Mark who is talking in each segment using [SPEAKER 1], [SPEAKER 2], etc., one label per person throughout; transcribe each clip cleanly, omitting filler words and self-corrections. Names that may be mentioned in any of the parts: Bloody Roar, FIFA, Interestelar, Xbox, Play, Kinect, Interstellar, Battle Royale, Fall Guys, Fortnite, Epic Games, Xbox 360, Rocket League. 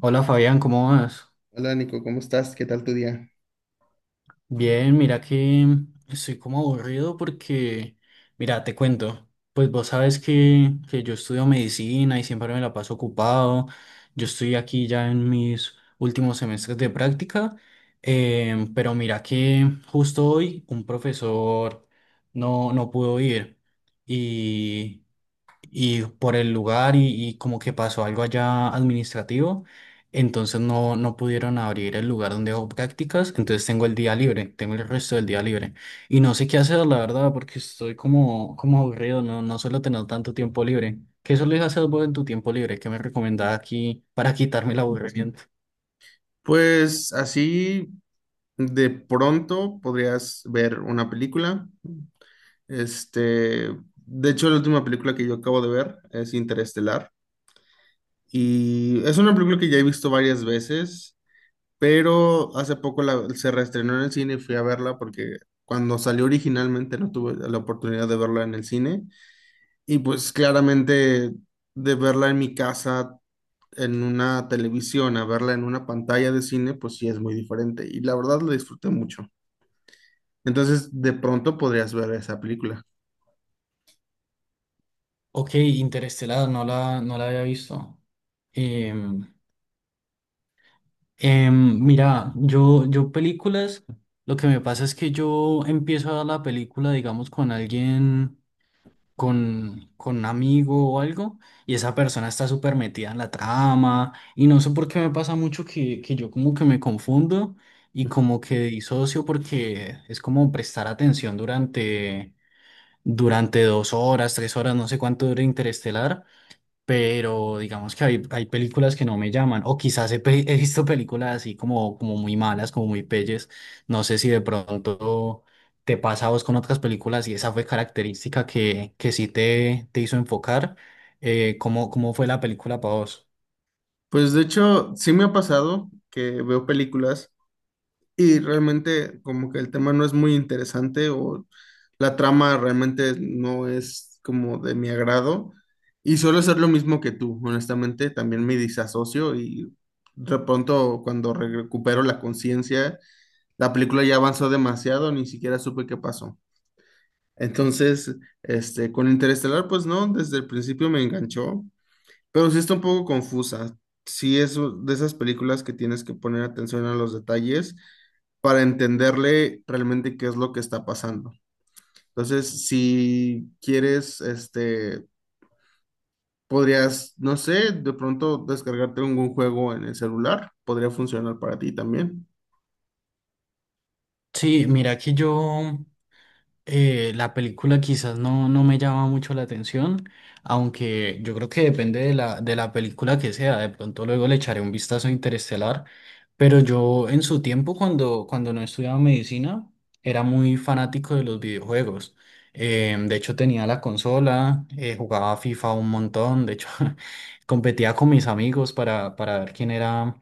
[SPEAKER 1] Hola Fabián, ¿cómo vas?
[SPEAKER 2] Hola Nico, ¿cómo estás? ¿Qué tal tu día?
[SPEAKER 1] Bien, mira que estoy como aburrido porque, mira, te cuento, pues vos sabes que yo estudio medicina y siempre me la paso ocupado, yo estoy aquí ya en mis últimos semestres de práctica, pero mira que justo hoy un profesor no pudo ir y, y por el lugar y como que pasó algo allá administrativo, entonces no pudieron abrir el lugar donde hago prácticas, entonces tengo el día libre, tengo el resto del día libre. Y no sé qué hacer, la verdad, porque estoy como aburrido, no, no suelo tener tanto tiempo libre. ¿Qué sueles hacer vos en tu tiempo libre? ¿Qué me recomendás aquí para quitarme el aburrimiento?
[SPEAKER 2] Pues así de pronto podrías ver una película. Este, de hecho, la última película que yo acabo de ver es Interestelar. Y es una película que ya he visto varias veces, pero hace poco se reestrenó en el cine y fui a verla porque cuando salió originalmente no tuve la oportunidad de verla en el cine. Y pues claramente de verla en mi casa, en una televisión a verla en una pantalla de cine, pues sí es muy diferente. Y la verdad la disfruté mucho. Entonces, de pronto podrías ver esa película.
[SPEAKER 1] Ok, Interestelar, no la había visto. Mira, yo películas, lo que me pasa es que yo empiezo a la película, digamos, con alguien, con un amigo o algo, y esa persona está súper metida en la trama, y no sé por qué me pasa mucho que yo como que me confundo y como que disocio porque es como prestar atención durante dos horas, tres horas, no sé cuánto dura Interestelar, pero digamos que hay películas que no me llaman, o quizás he visto películas así como muy malas, como muy pelles, no sé si de pronto te pasa a vos con otras películas y esa fue característica que sí te hizo enfocar, cómo fue la película para vos?
[SPEAKER 2] Pues de hecho, sí me ha pasado que veo películas y realmente como que el tema no es muy interesante o la trama realmente no es como de mi agrado. Y suelo hacer lo mismo que tú, honestamente, también me disasocio y de pronto cuando recupero la conciencia, la película ya avanzó demasiado, ni siquiera supe qué pasó. Entonces, con Interestelar, pues no, desde el principio me enganchó, pero sí está un poco confusa. Sí es de esas películas que tienes que poner atención a los detalles para entenderle realmente qué es lo que está pasando. Entonces, si quieres, podrías, no sé, de pronto descargarte algún juego en el celular, podría funcionar para ti también.
[SPEAKER 1] Sí, mira que yo... la película quizás no me llama mucho la atención, aunque yo creo que depende de de la película que sea, de pronto luego le echaré un vistazo a Interestelar, pero yo en su tiempo cuando no estudiaba medicina era muy fanático de los videojuegos. De hecho tenía la consola, jugaba FIFA un montón, de hecho competía con mis amigos para ver quién era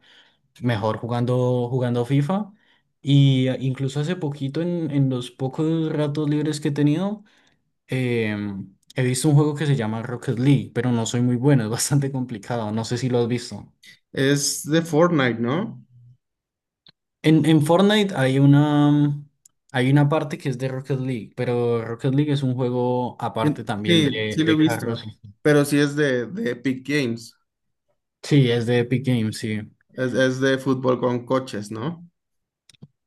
[SPEAKER 1] mejor jugando FIFA. Y incluso hace poquito, en los pocos ratos libres que he tenido, he visto un juego que se llama Rocket League, pero no soy muy bueno, es bastante complicado. No sé si lo has visto.
[SPEAKER 2] Es de Fortnite, ¿no?
[SPEAKER 1] En Fortnite hay una, hay una parte que es de Rocket League, pero Rocket League es un juego aparte
[SPEAKER 2] Sí,
[SPEAKER 1] también
[SPEAKER 2] sí, sí, lo he
[SPEAKER 1] de carros.
[SPEAKER 2] visto, pero sí es de Epic Games.
[SPEAKER 1] Sí, es de Epic Games, sí.
[SPEAKER 2] Es de fútbol con coches, ¿no?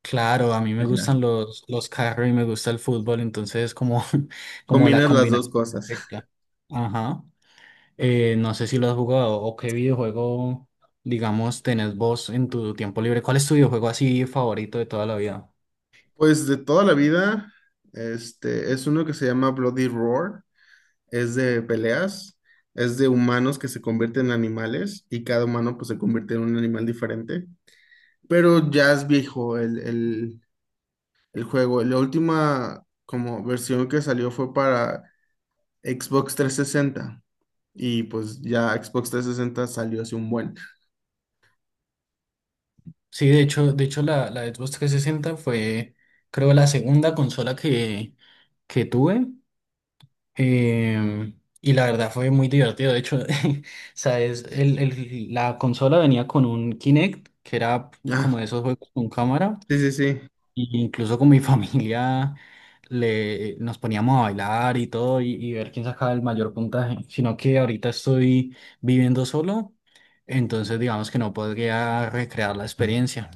[SPEAKER 1] Claro, a mí me gustan
[SPEAKER 2] Ya.
[SPEAKER 1] los carros y me gusta el fútbol, entonces como, como la
[SPEAKER 2] Combinas las dos
[SPEAKER 1] combinación
[SPEAKER 2] cosas.
[SPEAKER 1] perfecta. Ajá. No sé si lo has jugado o qué videojuego, digamos, tenés vos en tu tiempo libre. ¿Cuál es tu videojuego así favorito de toda la vida?
[SPEAKER 2] Pues de toda la vida, es uno que se llama Bloody Roar, es de peleas, es de humanos que se convierten en animales y cada humano pues se convierte en un animal diferente. Pero ya es viejo el juego. La última como versión que salió fue para Xbox 360, y pues ya Xbox 360 salió hace un buen.
[SPEAKER 1] Sí, de hecho la Xbox 360 fue, creo, la segunda consola que tuve. Y la verdad fue muy divertido. De hecho, sabes, la consola venía con un Kinect, que era
[SPEAKER 2] Ah,
[SPEAKER 1] como de esos juegos con cámara.
[SPEAKER 2] sí, sí, sí.
[SPEAKER 1] Y incluso con mi familia le, nos poníamos a bailar y todo y ver quién sacaba el mayor puntaje. Sino que ahorita estoy viviendo solo, entonces digamos que no podría recrear la experiencia.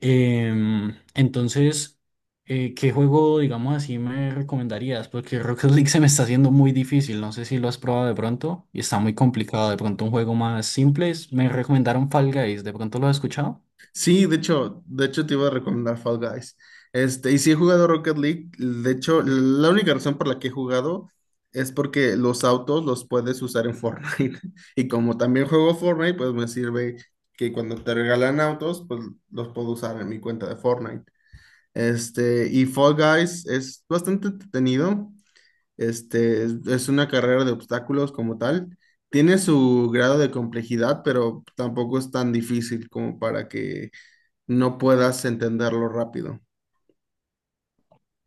[SPEAKER 1] Entonces, ¿qué juego, digamos así, me recomendarías? Porque Rocket League se me está haciendo muy difícil. No sé si lo has probado de pronto y está muy complicado. De pronto, un juego más simple. Es- me recomendaron Fall Guys. ¿De pronto lo has escuchado?
[SPEAKER 2] Sí, de hecho te iba a recomendar Fall Guys. Y si he jugado Rocket League, de hecho, la única razón por la que he jugado es porque los autos los puedes usar en Fortnite. Y como también juego Fortnite, pues me sirve que cuando te regalan autos, pues los puedo usar en mi cuenta de Fortnite. Y Fall Guys es bastante entretenido. Es una carrera de obstáculos como tal. Tiene su grado de complejidad, pero tampoco es tan difícil como para que no puedas entenderlo rápido.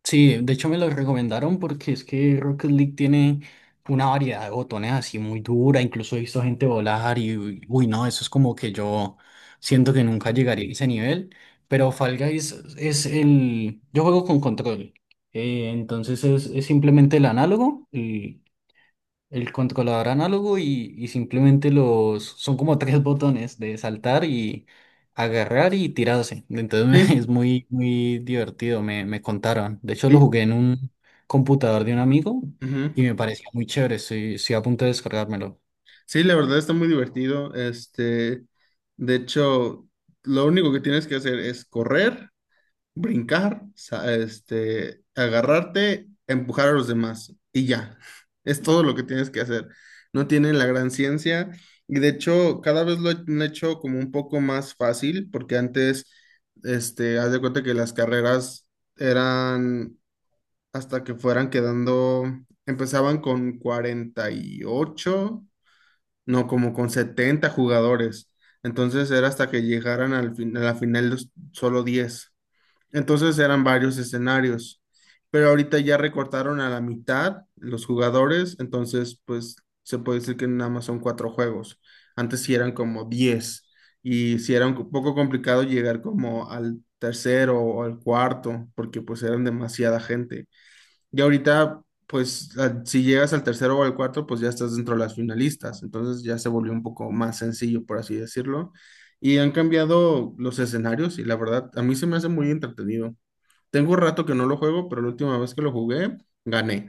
[SPEAKER 1] Sí, de hecho me lo recomendaron porque es que Rocket League tiene una variedad de botones así muy dura, incluso he visto gente volar y uy, uy, no, eso es como que yo siento que nunca llegaría a ese nivel, pero Fall Guys es el, yo juego con control, entonces es simplemente el análogo, el controlador análogo y simplemente los... Son como tres botones de saltar y agarrar y tirarse. Entonces
[SPEAKER 2] Sí,
[SPEAKER 1] es muy, muy divertido, me contaron. De hecho lo
[SPEAKER 2] li-
[SPEAKER 1] jugué en un computador de un amigo
[SPEAKER 2] ujú.
[SPEAKER 1] y me parecía muy chévere. Estoy, estoy a punto de descargármelo.
[SPEAKER 2] Sí, la verdad está muy divertido. De hecho, lo único que tienes que hacer es correr, brincar, agarrarte, empujar a los demás y ya. Es todo lo que tienes que hacer. No tienen la gran ciencia, y de hecho cada vez lo han hecho como un poco más fácil porque antes, haz de cuenta que las carreras eran hasta que fueran quedando, empezaban con 48, no, como con 70 jugadores. Entonces era hasta que llegaran al a la final solo 10. Entonces eran varios escenarios, pero ahorita ya recortaron a la mitad los jugadores, entonces pues se puede decir que nada más son cuatro juegos. Antes sí eran como 10, y sí era un poco complicado llegar como al tercero o al cuarto porque pues eran demasiada gente. Y ahorita pues si llegas al tercero o al cuarto pues ya estás dentro de las finalistas, entonces ya se volvió un poco más sencillo por así decirlo. Y han cambiado los escenarios y la verdad a mí se me hace muy entretenido. Tengo un rato que no lo juego, pero la última vez que lo jugué, gané.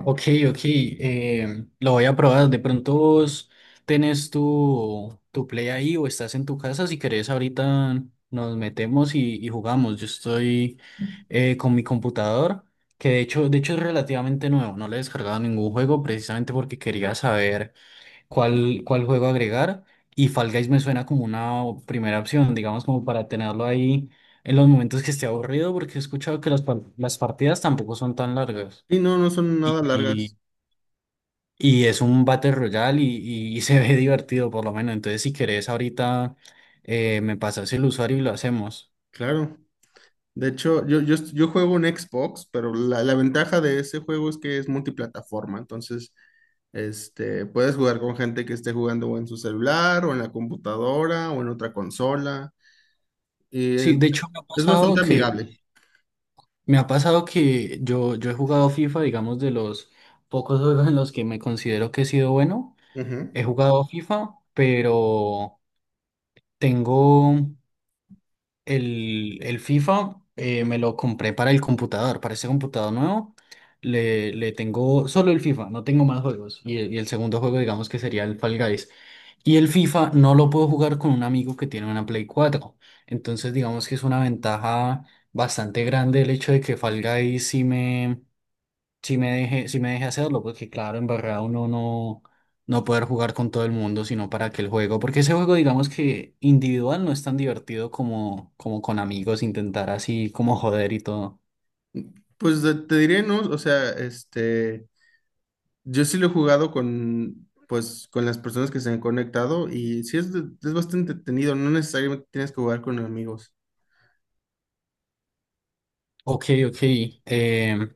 [SPEAKER 1] Ok, ok, lo voy a probar. De pronto vos tenés tu play ahí o estás en tu casa. Si querés, ahorita nos metemos y jugamos. Yo estoy con mi computador, que de hecho es relativamente nuevo. No le he descargado ningún juego precisamente porque quería saber cuál juego agregar. Y Fall Guys me suena como una o- primera opción, digamos, como para tenerlo ahí en los momentos que esté aburrido, porque he escuchado que las, par- las partidas tampoco son tan largas.
[SPEAKER 2] Y no, no son nada
[SPEAKER 1] Y
[SPEAKER 2] largas.
[SPEAKER 1] y es un Battle Royale y se ve divertido por lo menos. Entonces, si querés, ahorita me pasas el usuario y lo hacemos.
[SPEAKER 2] Claro. De hecho, yo juego en Xbox, pero la ventaja de ese juego es que es multiplataforma. Entonces, puedes jugar con gente que esté jugando o en su celular, o en la computadora, o en otra consola. Y eh,
[SPEAKER 1] Sí, de hecho me ha
[SPEAKER 2] es
[SPEAKER 1] pasado
[SPEAKER 2] bastante
[SPEAKER 1] que,
[SPEAKER 2] amigable.
[SPEAKER 1] me ha pasado que yo he jugado FIFA, digamos, de los pocos juegos en los que me considero que he sido bueno.
[SPEAKER 2] Ujú.
[SPEAKER 1] He jugado FIFA, pero tengo. El FIFA, me lo compré para el computador, para ese computador nuevo. Le tengo solo el FIFA, no tengo más juegos. Y el segundo juego, digamos que sería el Fall Guys. Y el FIFA no lo puedo jugar con un amigo que tiene una Play 4. Entonces, digamos que es una ventaja bastante grande el hecho de que Fall Guys sí me, si me deje, si me deje hacerlo, porque claro, en verdad uno no, no poder jugar con todo el mundo, sino para que el juego, porque ese juego digamos que individual no es tan divertido como, como con amigos, intentar así como joder y todo.
[SPEAKER 2] Pues te diré, ¿no? O sea, yo sí lo he jugado con, pues, con las personas que se han conectado y sí es, es bastante entretenido, no necesariamente tienes que jugar con amigos.
[SPEAKER 1] Ok, ok. em,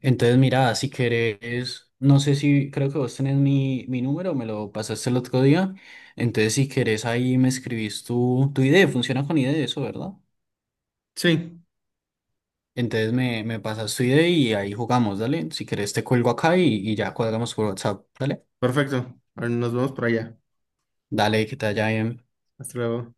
[SPEAKER 1] entonces mira, si querés, no sé si creo que vos tenés mi número, me lo pasaste el otro día, entonces si querés ahí me escribís tu idea, funciona con idea eso, ¿verdad?
[SPEAKER 2] Sí,
[SPEAKER 1] Entonces me pasas tu idea y ahí jugamos, dale. Si querés te cuelgo acá y ya cuadramos por WhatsApp, dale.
[SPEAKER 2] perfecto. Ahora nos vemos por allá.
[SPEAKER 1] Dale, que te vaya bien.
[SPEAKER 2] Hasta luego.